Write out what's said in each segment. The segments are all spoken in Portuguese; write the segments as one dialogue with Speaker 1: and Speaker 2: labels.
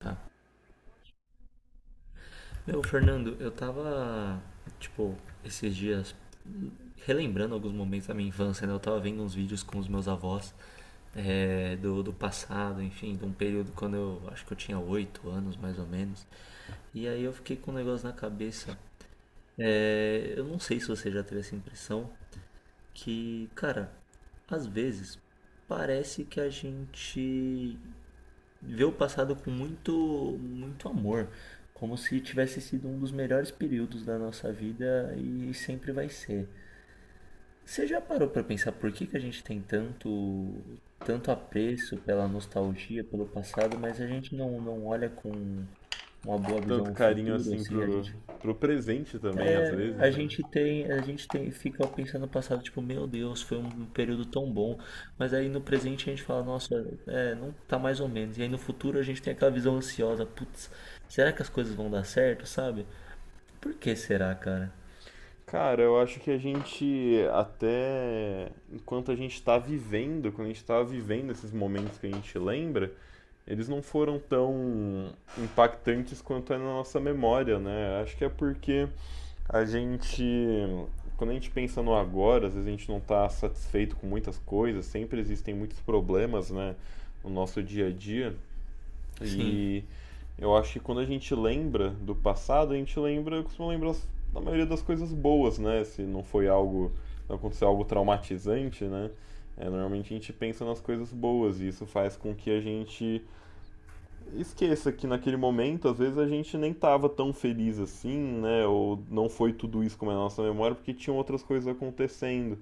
Speaker 1: Tá. Meu, Fernando, eu tava, tipo, esses dias relembrando alguns momentos da minha infância, né? Eu tava vendo uns vídeos com os meus avós do passado, enfim, de um período quando eu acho que eu tinha 8 anos, mais ou menos. E aí eu fiquei com um negócio na cabeça. Eu não sei se você já teve essa impressão que, cara, às vezes parece que a gente vê o passado com muito, muito amor, como se tivesse sido um dos melhores períodos da nossa vida e sempre vai ser. Você já parou para pensar por que que a gente tem tanto, tanto apreço pela nostalgia, pelo passado, mas a gente não olha com uma boa visão
Speaker 2: Tanto
Speaker 1: o
Speaker 2: carinho
Speaker 1: futuro,
Speaker 2: assim
Speaker 1: assim, a gente
Speaker 2: pro presente também, às
Speaker 1: a
Speaker 2: vezes, né?
Speaker 1: gente tem, a gente tem, fica pensando no passado, tipo, meu Deus, foi um período tão bom. Mas aí no presente a gente fala, nossa, não tá mais ou menos. E aí no futuro a gente tem aquela visão ansiosa, putz, será que as coisas vão dar certo, sabe? Por que será, cara?
Speaker 2: Cara, eu acho que a gente, até enquanto a gente tá vivendo, quando a gente tá vivendo esses momentos que a gente lembra, eles não foram tão impactantes quanto é na nossa memória, né? Acho que é porque a gente, quando a gente pensa no agora, às vezes a gente não tá satisfeito com muitas coisas, sempre existem muitos problemas, né, no nosso dia a dia.
Speaker 1: Sim,
Speaker 2: E eu acho que quando a gente lembra do passado, a gente lembra, costuma lembrar da maioria das coisas boas, né? Se não foi algo, não aconteceu algo traumatizante, né? É, normalmente a gente pensa nas coisas boas e isso faz com que a gente esqueça que naquele momento, às vezes, a gente nem estava tão feliz assim, né? Ou não foi tudo isso como é a nossa memória, porque tinham outras coisas acontecendo.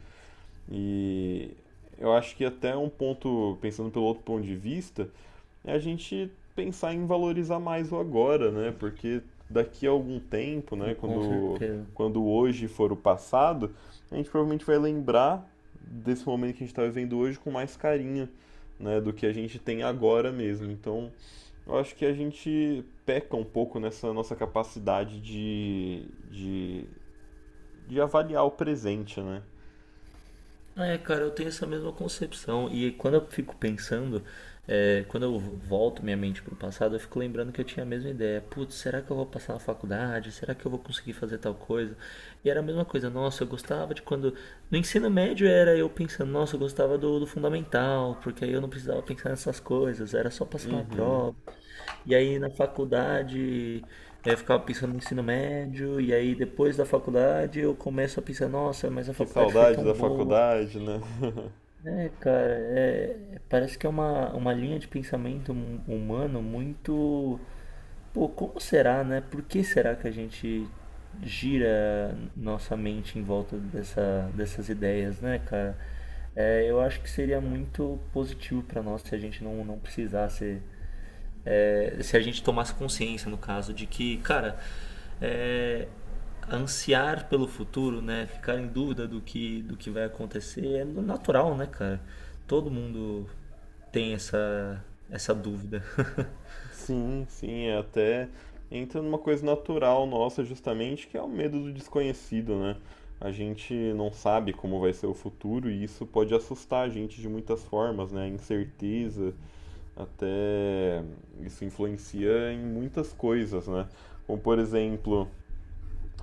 Speaker 2: E eu acho que até um ponto, pensando pelo outro ponto de vista, é a gente pensar em valorizar mais o agora, né? Porque daqui a algum tempo, né,
Speaker 1: com
Speaker 2: quando
Speaker 1: certeza.
Speaker 2: quando hoje for o passado, a gente provavelmente vai lembrar desse momento que a gente está vivendo hoje com mais carinho, né, do que a gente tem agora mesmo. Então, eu acho que a gente peca um pouco nessa nossa capacidade de avaliar o presente, né?
Speaker 1: Cara, eu tenho essa mesma concepção. E quando eu fico pensando, quando eu volto minha mente pro passado, eu fico lembrando que eu tinha a mesma ideia. Putz, será que eu vou passar na faculdade? Será que eu vou conseguir fazer tal coisa? E era a mesma coisa. Nossa, eu gostava de quando. No ensino médio era eu pensando, nossa, eu gostava do fundamental, porque aí eu não precisava pensar nessas coisas, era só passar na prova. E aí na faculdade. Eu ficava pensando no ensino médio, e aí depois da faculdade eu começo a pensar, nossa, mas a
Speaker 2: Que
Speaker 1: faculdade foi
Speaker 2: saudade
Speaker 1: tão
Speaker 2: da
Speaker 1: boa.
Speaker 2: faculdade, né?
Speaker 1: Cara, parece que é uma linha de pensamento humano muito. Pô, como será, né? Por que será que a gente gira nossa mente em volta dessas ideias, né, cara? Eu acho que seria muito positivo pra nós se a gente não precisasse se a gente tomasse consciência, no caso, de que, cara, é, ansiar pelo futuro, né? Ficar em dúvida do que vai acontecer é natural, né, cara? Todo mundo tem essa dúvida.
Speaker 2: Sim, sim, é até entra numa coisa natural nossa, justamente, que é o medo do desconhecido, né? A gente não sabe como vai ser o futuro e isso pode assustar a gente de muitas formas, né? A incerteza, até isso influencia em muitas coisas, né? Como, por exemplo,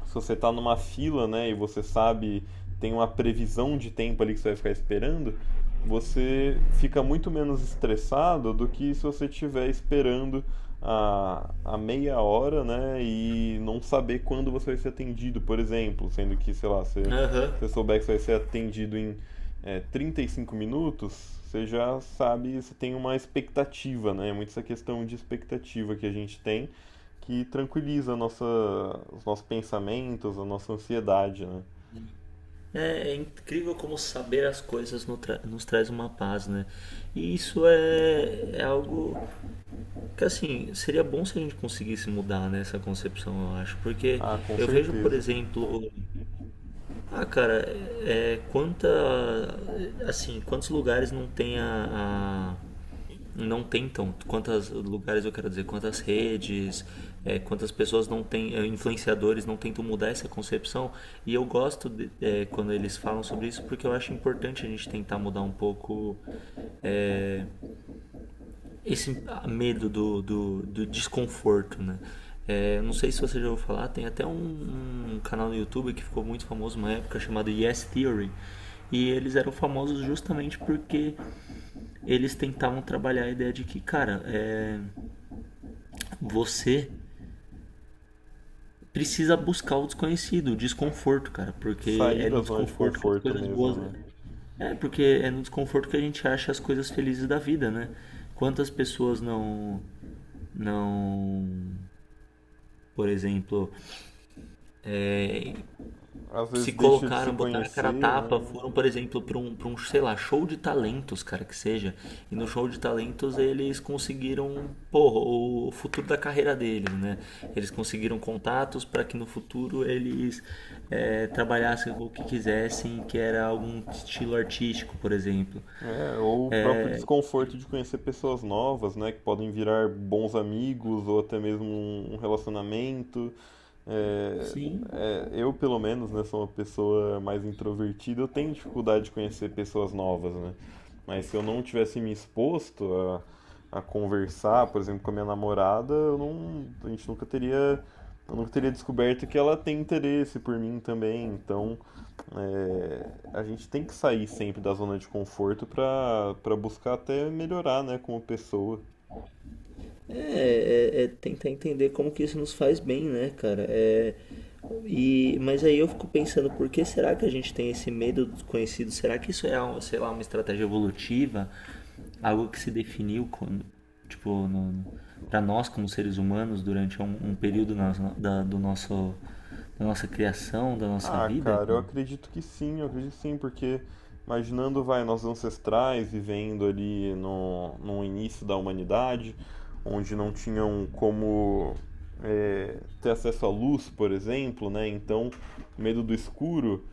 Speaker 2: se você está numa fila, né, e você sabe, tem uma previsão de tempo ali que você vai ficar esperando, você fica muito menos estressado do que se você estiver esperando a meia hora, né, e não saber quando você vai ser atendido, por exemplo, sendo que, sei lá, você,
Speaker 1: Aham.
Speaker 2: você souber que você vai ser atendido em 35 minutos, você já sabe, você tem uma expectativa, né. É muito essa questão de expectativa que a gente tem que tranquiliza a nossa, os nossos pensamentos, a nossa ansiedade, né?
Speaker 1: É incrível como saber as coisas no tra- nos traz uma paz, né? E isso é algo que, assim, seria bom se a gente conseguisse mudar, né, essa concepção, eu acho. Porque
Speaker 2: Ah, com
Speaker 1: eu vejo, por
Speaker 2: certeza.
Speaker 1: exemplo. Ah, cara, é assim, quantos lugares não tentam, quantos lugares eu quero dizer, quantas redes, quantas pessoas não têm, influenciadores não tentam mudar essa concepção. E eu gosto de quando eles falam sobre isso porque eu acho importante a gente tentar mudar um pouco é, esse medo do desconforto, né? Não sei se você já ouviu falar, tem até um canal no YouTube que ficou muito famoso uma época chamado Yes Theory. E eles eram famosos justamente porque eles tentavam trabalhar a ideia de que, cara, você precisa buscar o desconhecido, o desconforto, cara, porque
Speaker 2: Sair
Speaker 1: é
Speaker 2: da
Speaker 1: no
Speaker 2: zona de
Speaker 1: desconforto que as
Speaker 2: conforto
Speaker 1: coisas
Speaker 2: mesmo,
Speaker 1: boas.
Speaker 2: né?
Speaker 1: Porque é no desconforto que a gente acha as coisas felizes da vida, né? Quantas pessoas não. não por exemplo,
Speaker 2: Às
Speaker 1: se
Speaker 2: vezes deixa de se
Speaker 1: colocaram, botaram a cara a
Speaker 2: conhecer,
Speaker 1: tapa,
Speaker 2: né?
Speaker 1: foram, por exemplo, para um, sei lá, show de talentos, cara, que seja. E no show de talentos eles conseguiram, porra, o futuro da carreira deles, né? Eles conseguiram contatos para que no futuro eles trabalhassem com o que quisessem, que era algum estilo artístico, por exemplo.
Speaker 2: É, ou o próprio desconforto de conhecer pessoas novas, né? Que podem virar bons amigos ou até mesmo um relacionamento. É,
Speaker 1: Sim,
Speaker 2: eu, pelo menos, né, sou uma pessoa mais introvertida, eu tenho dificuldade de conhecer pessoas novas, né? Mas se eu não tivesse me exposto a conversar, por exemplo, com a minha namorada, eu não, a gente nunca teria, eu nunca teria descoberto que ela tem interesse por mim também. Então, é, a gente tem que sair sempre da zona de conforto para buscar até melhorar, né, como pessoa.
Speaker 1: é tentar entender como que isso nos faz bem, né, cara? Mas aí eu fico pensando, por que será que a gente tem esse medo do desconhecido? Será que isso é, sei lá, uma estratégia evolutiva? Algo que se definiu, como, tipo, para nós como seres humanos durante um período da, do nosso, da nossa criação, da nossa
Speaker 2: Ah,
Speaker 1: vida?
Speaker 2: cara, eu
Speaker 1: Cara?
Speaker 2: acredito que sim, eu acredito que sim, porque imaginando, vai, nossos ancestrais vivendo ali no início da humanidade, onde não tinham como ter acesso à luz, por exemplo, né? Então, o medo do escuro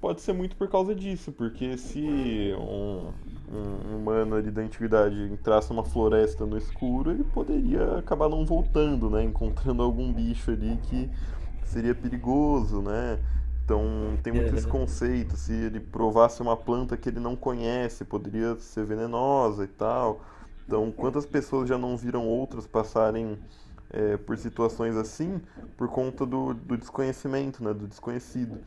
Speaker 2: pode ser muito por causa disso, porque se um, um humano ali da antiguidade entrasse numa floresta no escuro, ele poderia acabar não voltando, né? Encontrando algum bicho ali que seria perigoso, né? Então tem muito esse
Speaker 1: Aham.
Speaker 2: conceito, se ele provasse uma planta que ele não conhece, poderia ser venenosa e tal. Então, quantas pessoas já não viram outras passarem por situações assim por conta do desconhecimento, né, do desconhecido.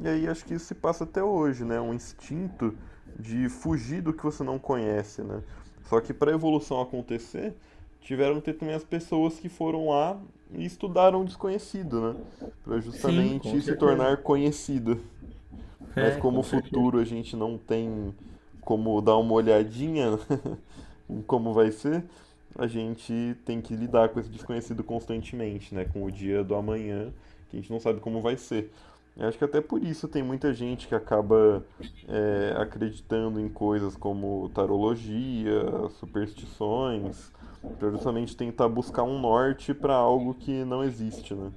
Speaker 2: E aí acho que isso se passa até hoje, né, um instinto de fugir do que você não conhece, né. Só que para a evolução acontecer, tiveram que ter também as pessoas que foram lá e estudaram o desconhecido, né, para
Speaker 1: Sim, com
Speaker 2: justamente se
Speaker 1: certeza.
Speaker 2: tornar conhecido. Mas
Speaker 1: É,
Speaker 2: como
Speaker 1: com
Speaker 2: o
Speaker 1: certeza.
Speaker 2: futuro a gente não tem como dar uma olhadinha, em como vai ser, a gente tem que lidar com esse desconhecido constantemente, né? Com o dia do amanhã, que a gente não sabe como vai ser. Eu acho que até por isso tem muita gente que acaba acreditando em coisas como tarologia, superstições, pra justamente tentar buscar um norte para algo que não existe, né?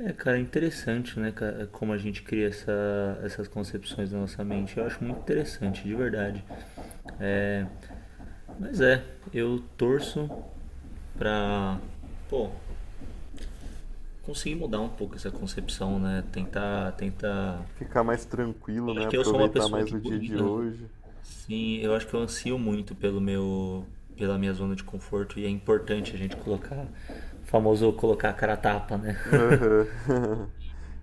Speaker 1: Cara, é interessante, né, cara, como a gente cria essas concepções na nossa mente. Eu acho muito interessante, de verdade. É, mas eu torço pra, pô, conseguir mudar um pouco essa concepção, né? Tentar, tentar.
Speaker 2: Ficar mais tranquilo,
Speaker 1: Eu
Speaker 2: né?
Speaker 1: acho que eu sou uma
Speaker 2: Aproveitar
Speaker 1: pessoa
Speaker 2: mais
Speaker 1: que,
Speaker 2: o dia de hoje.
Speaker 1: sim, eu acho que eu ansio muito pela minha zona de conforto e é importante a gente colocar, famoso colocar a cara a tapa, né?
Speaker 2: Aham.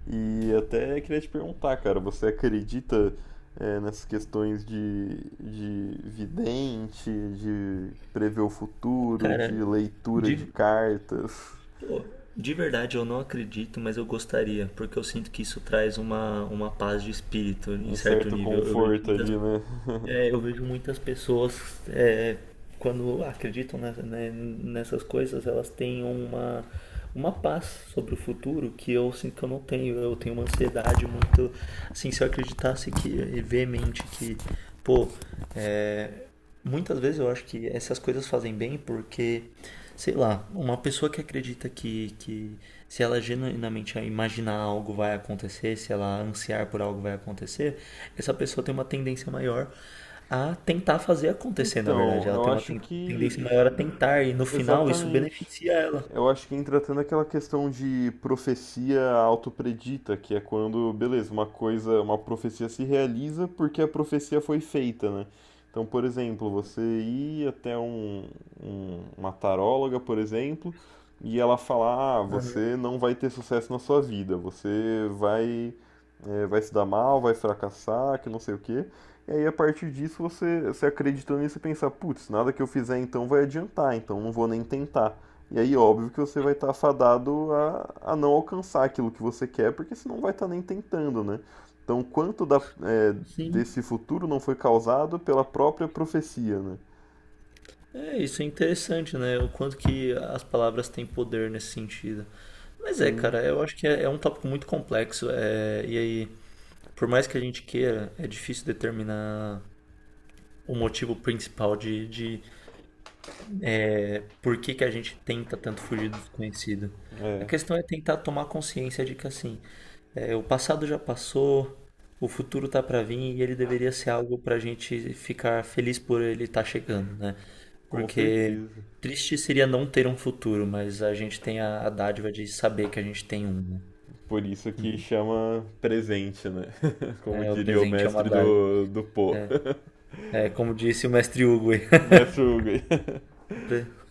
Speaker 2: E até queria te perguntar, cara, você acredita nessas questões de vidente, de prever o futuro,
Speaker 1: Cara,
Speaker 2: de leitura de
Speaker 1: de,
Speaker 2: cartas?
Speaker 1: De verdade, eu não acredito, mas eu gostaria, porque eu sinto que isso traz uma paz de espírito em
Speaker 2: Um
Speaker 1: certo
Speaker 2: certo
Speaker 1: nível.
Speaker 2: conforto ali, né?
Speaker 1: Eu vejo muitas pessoas, é, quando acreditam nessas coisas, elas têm uma paz sobre o futuro que eu sinto que eu não tenho. Eu tenho uma ansiedade muito. Assim, se eu acreditasse que, veemente que, pô, é, muitas vezes eu acho que essas coisas fazem bem porque, sei lá, uma pessoa que acredita que se ela genuinamente imaginar algo vai acontecer, se ela ansiar por algo vai acontecer, essa pessoa tem uma tendência maior a tentar fazer acontecer, na verdade.
Speaker 2: Então,
Speaker 1: Ela
Speaker 2: eu
Speaker 1: tem uma
Speaker 2: acho
Speaker 1: tendência
Speaker 2: que.
Speaker 1: maior a tentar e no final isso
Speaker 2: Exatamente.
Speaker 1: beneficia ela.
Speaker 2: Eu acho que entra até naquela questão de profecia autopredita, que é quando, beleza, uma coisa, uma profecia se realiza porque a profecia foi feita, né? Então, por exemplo, você ir até um, uma taróloga, por exemplo, e ela falar, ah, você não vai ter sucesso na sua vida, você vai, vai se dar mal, vai fracassar, que não sei o quê. E aí, a partir disso, você, você acreditando nisso e pensar, putz, nada que eu fizer então vai adiantar, então não vou nem tentar. E aí, óbvio que você vai estar fadado a não alcançar aquilo que você quer, porque você não vai estar nem tentando, né? Então, quanto
Speaker 1: Sim.
Speaker 2: desse futuro não foi causado pela própria profecia, né?
Speaker 1: Isso é interessante, né? O quanto que as palavras têm poder nesse sentido. Mas
Speaker 2: Sim,
Speaker 1: cara, eu acho que é um tópico muito complexo. E aí, por mais que a gente queira, é difícil determinar o motivo principal de por que que a gente tenta tanto fugir do desconhecido. A
Speaker 2: é,
Speaker 1: questão é tentar tomar consciência de que assim, o passado já passou, o futuro tá para vir e ele deveria ser algo pra gente ficar feliz por ele estar chegando, né?
Speaker 2: com
Speaker 1: Porque
Speaker 2: certeza.
Speaker 1: triste seria não ter um futuro, mas a gente tem a dádiva de saber que a gente tem um, né?
Speaker 2: Por isso que chama presente, né? Como
Speaker 1: É, o
Speaker 2: diria o
Speaker 1: presente é uma
Speaker 2: mestre
Speaker 1: dádiva.
Speaker 2: do pô
Speaker 1: É, como disse o mestre Hugo,
Speaker 2: Mestre Hugo.